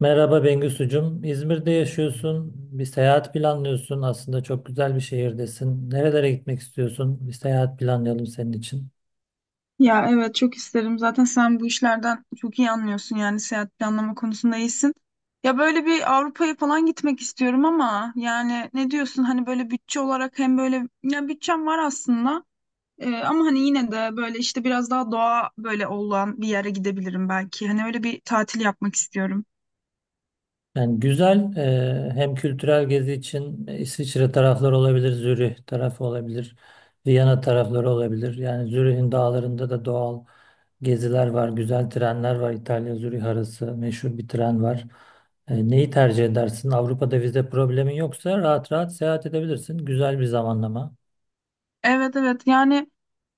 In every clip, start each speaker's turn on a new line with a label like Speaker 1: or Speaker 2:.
Speaker 1: Merhaba Bengisucum. İzmir'de yaşıyorsun. Bir seyahat planlıyorsun. Aslında çok güzel bir şehirdesin. Nerelere gitmek istiyorsun? Bir seyahat planlayalım senin için.
Speaker 2: Ya evet çok isterim. Zaten sen bu işlerden çok iyi anlıyorsun yani seyahat planlama konusunda iyisin. Ya böyle bir Avrupa'ya falan gitmek istiyorum ama yani ne diyorsun hani böyle bütçe olarak hem böyle ya bütçem var aslında. Ama hani yine de böyle işte biraz daha doğa böyle olan bir yere gidebilirim belki. Hani öyle bir tatil yapmak istiyorum.
Speaker 1: Yani güzel, hem kültürel gezi için İsviçre tarafları olabilir, Zürih tarafı olabilir, Viyana tarafları olabilir. Yani Zürih'in dağlarında da doğal geziler var, güzel trenler var. İtalya-Zürih arası meşhur bir tren var. Neyi tercih edersin? Avrupa'da vize problemin yoksa rahat rahat seyahat edebilirsin. Güzel bir zamanlama.
Speaker 2: Evet evet yani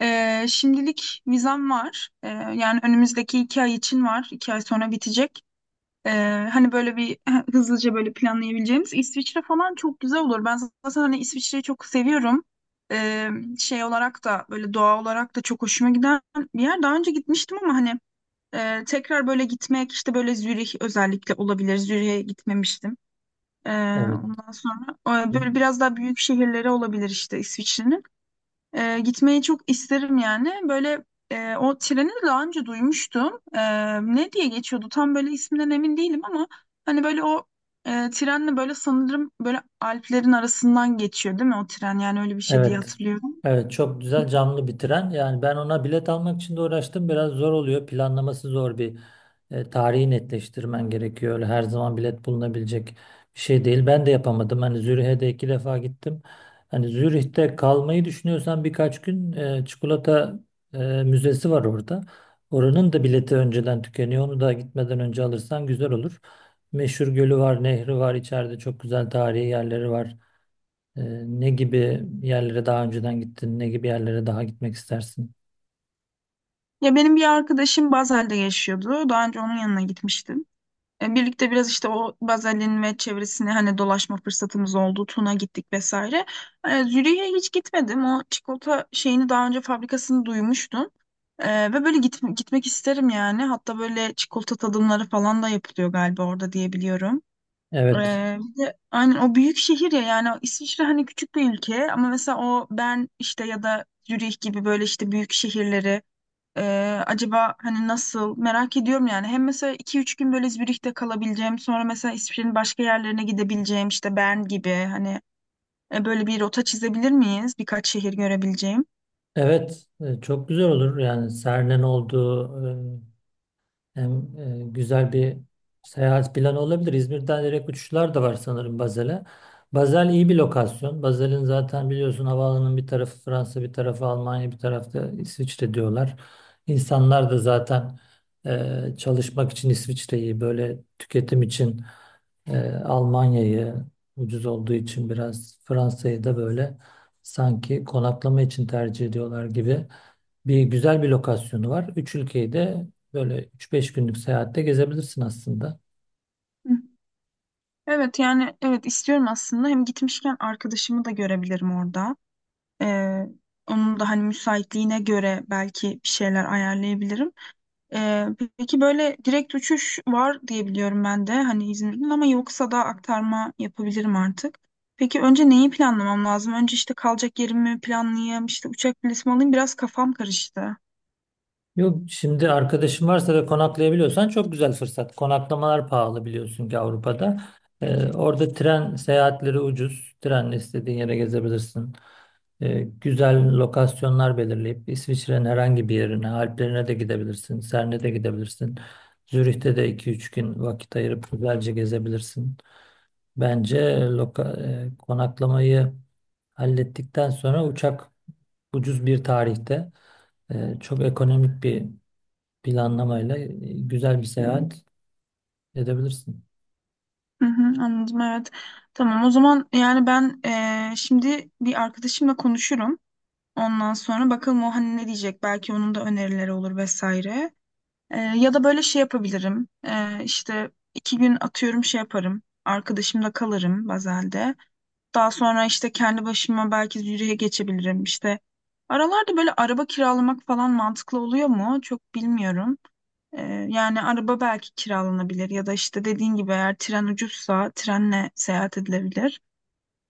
Speaker 2: şimdilik vizem var. Yani önümüzdeki 2 ay için var. 2 ay sonra bitecek. Ee, hani böyle bir hızlıca böyle planlayabileceğimiz İsviçre falan çok güzel olur. Ben zaten hani İsviçre'yi çok seviyorum. Ee, şey olarak da böyle doğa olarak da çok hoşuma giden bir yer. Daha önce gitmiştim ama hani tekrar böyle gitmek işte böyle Zürih özellikle olabilir. Zürih'e gitmemiştim. Ee,
Speaker 1: Evet.
Speaker 2: ondan sonra böyle biraz daha büyük şehirleri olabilir işte İsviçre'nin. Gitmeyi çok isterim yani. Böyle o treni de daha önce duymuştum. Ne diye geçiyordu? Tam böyle isminden emin değilim ama hani böyle o trenle böyle sanırım böyle Alplerin arasından geçiyor değil mi o tren? Yani öyle bir şey diye
Speaker 1: Evet.
Speaker 2: hatırlıyorum.
Speaker 1: Evet, çok güzel canlı bitiren. Yani ben ona bilet almak için de uğraştım. Biraz zor oluyor. Planlaması zor bir tarihi netleştirmen gerekiyor. Öyle her zaman bilet bulunabilecek bir şey değil. Ben de yapamadım. Hani Zürih'e de iki defa gittim. Hani Zürih'te kalmayı düşünüyorsan birkaç gün çikolata e, müzesi var orada. Oranın da bileti önceden tükeniyor. Onu da gitmeden önce alırsan güzel olur. Meşhur gölü var, nehri var, içeride çok güzel tarihi yerleri var. Ne gibi yerlere daha önceden gittin? Ne gibi yerlere daha gitmek istersin?
Speaker 2: Ya benim bir arkadaşım Basel'de yaşıyordu. Daha önce onun yanına gitmiştim. Birlikte biraz işte o Bazel'in ve çevresine hani dolaşma fırsatımız oldu. Tun'a gittik vesaire. Zürih'e hiç gitmedim. O çikolata şeyini daha önce fabrikasını duymuştum. Ve böyle gitmek isterim yani. Hatta böyle çikolata tadımları falan da yapılıyor galiba orada diye biliyorum. E,
Speaker 1: Evet.
Speaker 2: bir de aynen o büyük şehir ya yani İsviçre hani küçük bir ülke ama mesela o Bern işte ya da Zürih gibi böyle işte büyük şehirleri acaba hani nasıl merak ediyorum yani. Hem mesela 2-3 gün böyle Zürih'te kalabileceğim, sonra mesela İsviçre'nin başka yerlerine gidebileceğim işte Bern gibi hani böyle bir rota çizebilir miyiz? Birkaç şehir görebileceğim.
Speaker 1: Evet. Çok güzel olur. Yani Serne'nin oldu? Hem güzel bir seyahat planı olabilir. İzmir'den direkt uçuşlar da var sanırım Bazel'e. Bazel iyi bir lokasyon. Bazel'in zaten biliyorsun havaalanının bir tarafı Fransa, bir tarafı Almanya, bir tarafta İsviçre diyorlar. İnsanlar da zaten çalışmak için İsviçre'yi, böyle tüketim için Almanya'yı ucuz olduğu için biraz Fransa'yı da böyle sanki konaklama için tercih ediyorlar gibi bir güzel bir lokasyonu var. Üç ülkeyi de böyle üç-beş günlük seyahatte gezebilirsin aslında.
Speaker 2: Hı. Evet yani evet istiyorum aslında. Hem gitmişken arkadaşımı da görebilirim orada. Ee, onun da hani müsaitliğine göre belki bir şeyler ayarlayabilirim. Ee, peki böyle direkt uçuş var diye biliyorum ben de hani İzmir'in ama yoksa da aktarma yapabilirim artık. Peki önce neyi planlamam lazım? Önce işte kalacak yerimi planlayayım, işte uçak bileti alayım. Biraz kafam karıştı.
Speaker 1: Yok şimdi arkadaşın varsa ve konaklayabiliyorsan çok güzel fırsat. Konaklamalar pahalı biliyorsun ki Avrupa'da. Orada tren seyahatleri ucuz. Trenle istediğin yere gezebilirsin. Güzel lokasyonlar belirleyip İsviçre'nin herhangi bir yerine, Alplerine de gidebilirsin. Cern'e de gidebilirsin. Zürih'te de iki üç gün vakit ayırıp güzelce gezebilirsin. Bence loka, konaklamayı hallettikten sonra uçak ucuz bir tarihte çok ekonomik bir planlamayla güzel bir seyahat edebilirsin.
Speaker 2: Hı hı, anladım evet. Tamam o zaman yani ben şimdi bir arkadaşımla konuşurum. Ondan sonra bakalım o hani ne diyecek. Belki onun da önerileri olur vesaire. Ya da böyle şey yapabilirim. İşte 2 gün atıyorum şey yaparım. Arkadaşımda kalırım Bazel'de. Daha sonra işte kendi başıma belki yürüye geçebilirim işte. Aralarda böyle araba kiralamak falan mantıklı oluyor mu? Çok bilmiyorum. Yani araba belki kiralanabilir ya da işte dediğin gibi eğer tren ucuzsa trenle seyahat edilebilir.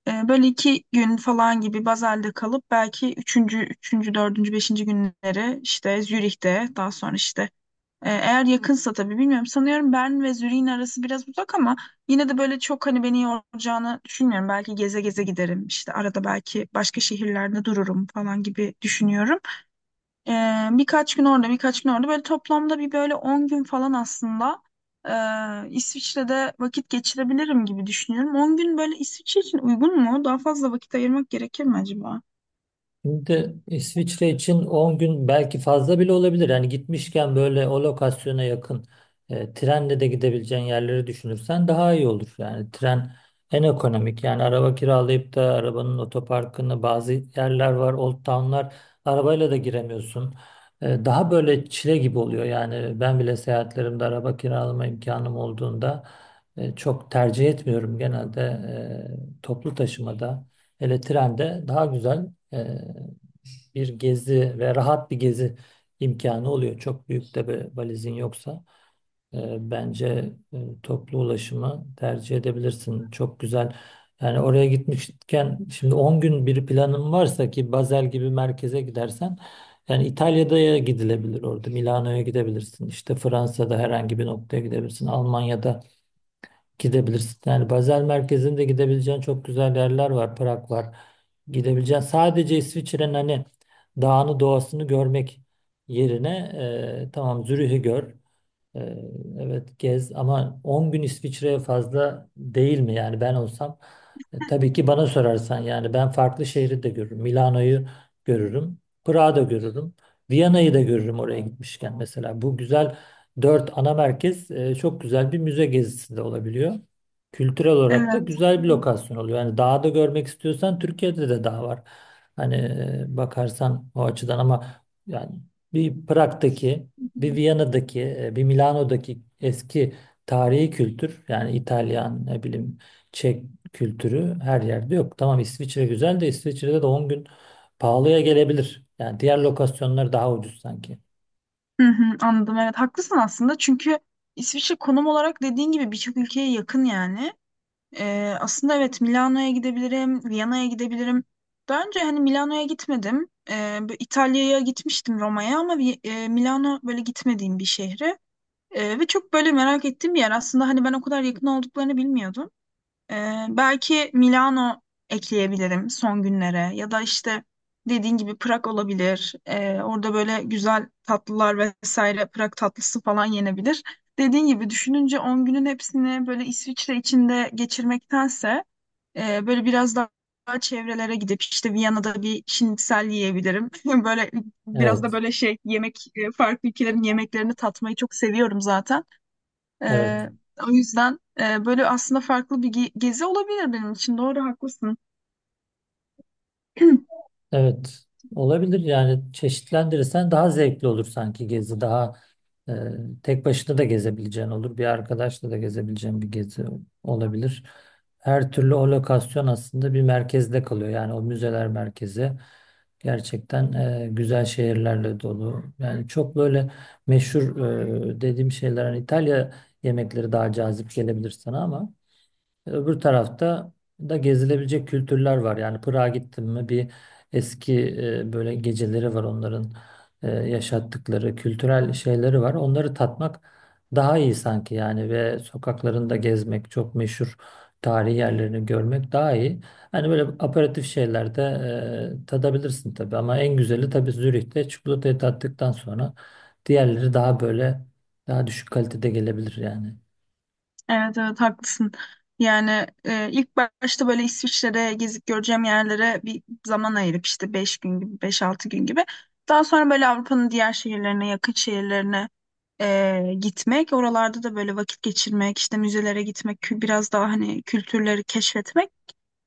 Speaker 2: Böyle 2 gün falan gibi Basel'de kalıp belki üçüncü, dördüncü, beşinci günleri işte Zürih'te daha sonra işte eğer yakınsa tabii bilmiyorum. Sanıyorum Bern ve Zürih'in arası biraz uzak ama yine de böyle çok hani beni yoracağını düşünmüyorum. Belki geze geze giderim. İşte arada belki başka şehirlerde dururum falan gibi düşünüyorum. Birkaç gün orada, birkaç gün orada. Böyle toplamda bir böyle 10 gün falan aslında İsviçre'de vakit geçirebilirim gibi düşünüyorum. 10 gün böyle İsviçre için uygun mu? Daha fazla vakit ayırmak gerekir mi acaba?
Speaker 1: Şimdi İsviçre için 10 gün belki fazla bile olabilir. Yani gitmişken böyle o lokasyona yakın trenle de gidebileceğin yerleri düşünürsen daha iyi olur. Yani tren en ekonomik. Yani araba kiralayıp da arabanın otoparkını bazı yerler var, old town'lar arabayla da giremiyorsun. Daha böyle çile gibi oluyor. Yani ben bile seyahatlerimde araba kiralama imkanım olduğunda çok tercih etmiyorum. Genelde toplu taşımada. Hele trende daha güzel e, bir gezi ve rahat bir gezi imkanı oluyor. Çok büyük de bir valizin yoksa bence toplu ulaşımı tercih edebilirsin. Çok güzel. Yani oraya gitmişken şimdi 10 gün bir planın varsa ki Basel gibi merkeze gidersen yani İtalya'da gidilebilir orada. Milano'ya gidebilirsin. İşte Fransa'da herhangi bir noktaya gidebilirsin. Almanya'da gidebilirsin. Yani Basel merkezinde gidebileceğin çok güzel yerler var. Prag var. Gidebileceğin sadece İsviçre'nin hani dağını doğasını görmek yerine tamam Zürih'i gör. E, evet, gez ama 10 gün İsviçre'ye fazla değil mi? Yani ben olsam tabii ki bana sorarsan yani ben farklı şehri de görürüm. Milano'yu görürüm. Prag'ı da görürüm. Viyana'yı da görürüm oraya gitmişken mesela. Bu güzel dört ana merkez çok güzel bir müze gezisi de olabiliyor. Kültürel olarak da
Speaker 2: Evet.
Speaker 1: güzel bir lokasyon oluyor. Yani dağda görmek istiyorsan Türkiye'de de dağ var. Hani bakarsan o açıdan ama yani bir Prag'daki, bir Viyana'daki, bir Milano'daki eski tarihi kültür yani İtalyan ne bileyim Çek kültürü her yerde yok. Tamam İsviçre güzel de İsviçre'de de 10 gün pahalıya gelebilir. Yani diğer lokasyonlar daha ucuz sanki.
Speaker 2: Hı hı, anladım evet haklısın aslında çünkü İsviçre konum olarak dediğin gibi birçok ülkeye yakın yani. Aslında evet Milano'ya gidebilirim, Viyana'ya gidebilirim. Daha önce hani Milano'ya gitmedim. Bu İtalya'ya gitmiştim Roma'ya ama Milano böyle gitmediğim bir şehri. Ve çok böyle merak ettiğim bir yer. Aslında hani ben o kadar yakın olduklarını bilmiyordum. Belki Milano ekleyebilirim son günlere ya da işte dediğin gibi Prag olabilir. Orada böyle güzel tatlılar vesaire Prag tatlısı falan yenebilir. Dediğin gibi düşününce 10 günün hepsini böyle İsviçre içinde geçirmektense böyle biraz daha çevrelere gidip işte Viyana'da bir şnitzel yiyebilirim. Böyle biraz
Speaker 1: Evet,
Speaker 2: da böyle şey yemek farklı ülkelerin yemeklerini tatmayı çok seviyorum zaten.
Speaker 1: evet,
Speaker 2: Ee, o yüzden böyle aslında farklı bir gezi olabilir benim için. Doğru haklısın.
Speaker 1: evet. Olabilir yani çeşitlendirirsen daha zevkli olur sanki gezi daha Ee, tek başına da gezebileceğin olur. Bir arkadaşla da gezebileceğin bir gezi olabilir. Her türlü o lokasyon aslında bir merkezde kalıyor. Yani o müzeler merkezi gerçekten güzel şehirlerle dolu. Yani çok böyle meşhur dediğim şeyler hani İtalya yemekleri daha cazip gelebilir sana ama öbür tarafta da gezilebilecek kültürler var. Yani Prag'a gittim mi bir eski böyle geceleri var onların yaşattıkları kültürel şeyleri var. Onları tatmak daha iyi sanki yani ve sokaklarında gezmek çok meşhur tarihi yerlerini görmek daha iyi. Hani böyle aperatif şeylerde tadabilirsin tabii ama en güzeli tabii Zürih'te çikolatayı tattıktan sonra diğerleri daha böyle daha düşük kalitede gelebilir yani.
Speaker 2: Evet evet haklısın. Yani ilk başta böyle İsviçre'de gezip göreceğim yerlere bir zaman ayırıp işte 5 gün gibi 5-6 gün gibi. Daha sonra böyle Avrupa'nın diğer şehirlerine yakın şehirlerine gitmek. Oralarda da böyle vakit geçirmek işte müzelere gitmek biraz daha hani kültürleri keşfetmek.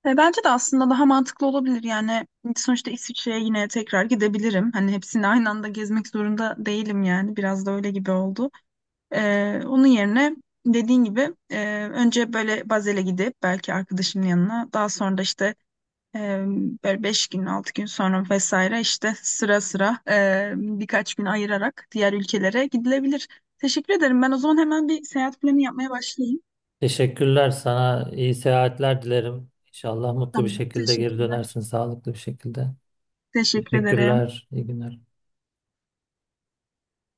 Speaker 2: Bence de aslında daha mantıklı olabilir. Yani sonuçta İsviçre'ye yine tekrar gidebilirim. Hani hepsini aynı anda gezmek zorunda değilim yani. Biraz da öyle gibi oldu. Onun yerine dediğin gibi önce böyle Bazel'e gidip belki arkadaşımın yanına daha sonra da işte e, böyle 5-6 gün sonra vesaire işte sıra sıra birkaç gün ayırarak diğer ülkelere gidilebilir. Teşekkür ederim. Ben o zaman hemen bir seyahat planı yapmaya başlayayım.
Speaker 1: Teşekkürler sana. İyi seyahatler dilerim. İnşallah mutlu bir
Speaker 2: Tamam,
Speaker 1: şekilde geri
Speaker 2: teşekkürler.
Speaker 1: dönersin, sağlıklı bir şekilde.
Speaker 2: Teşekkür ederim.
Speaker 1: Teşekkürler. İyi günler.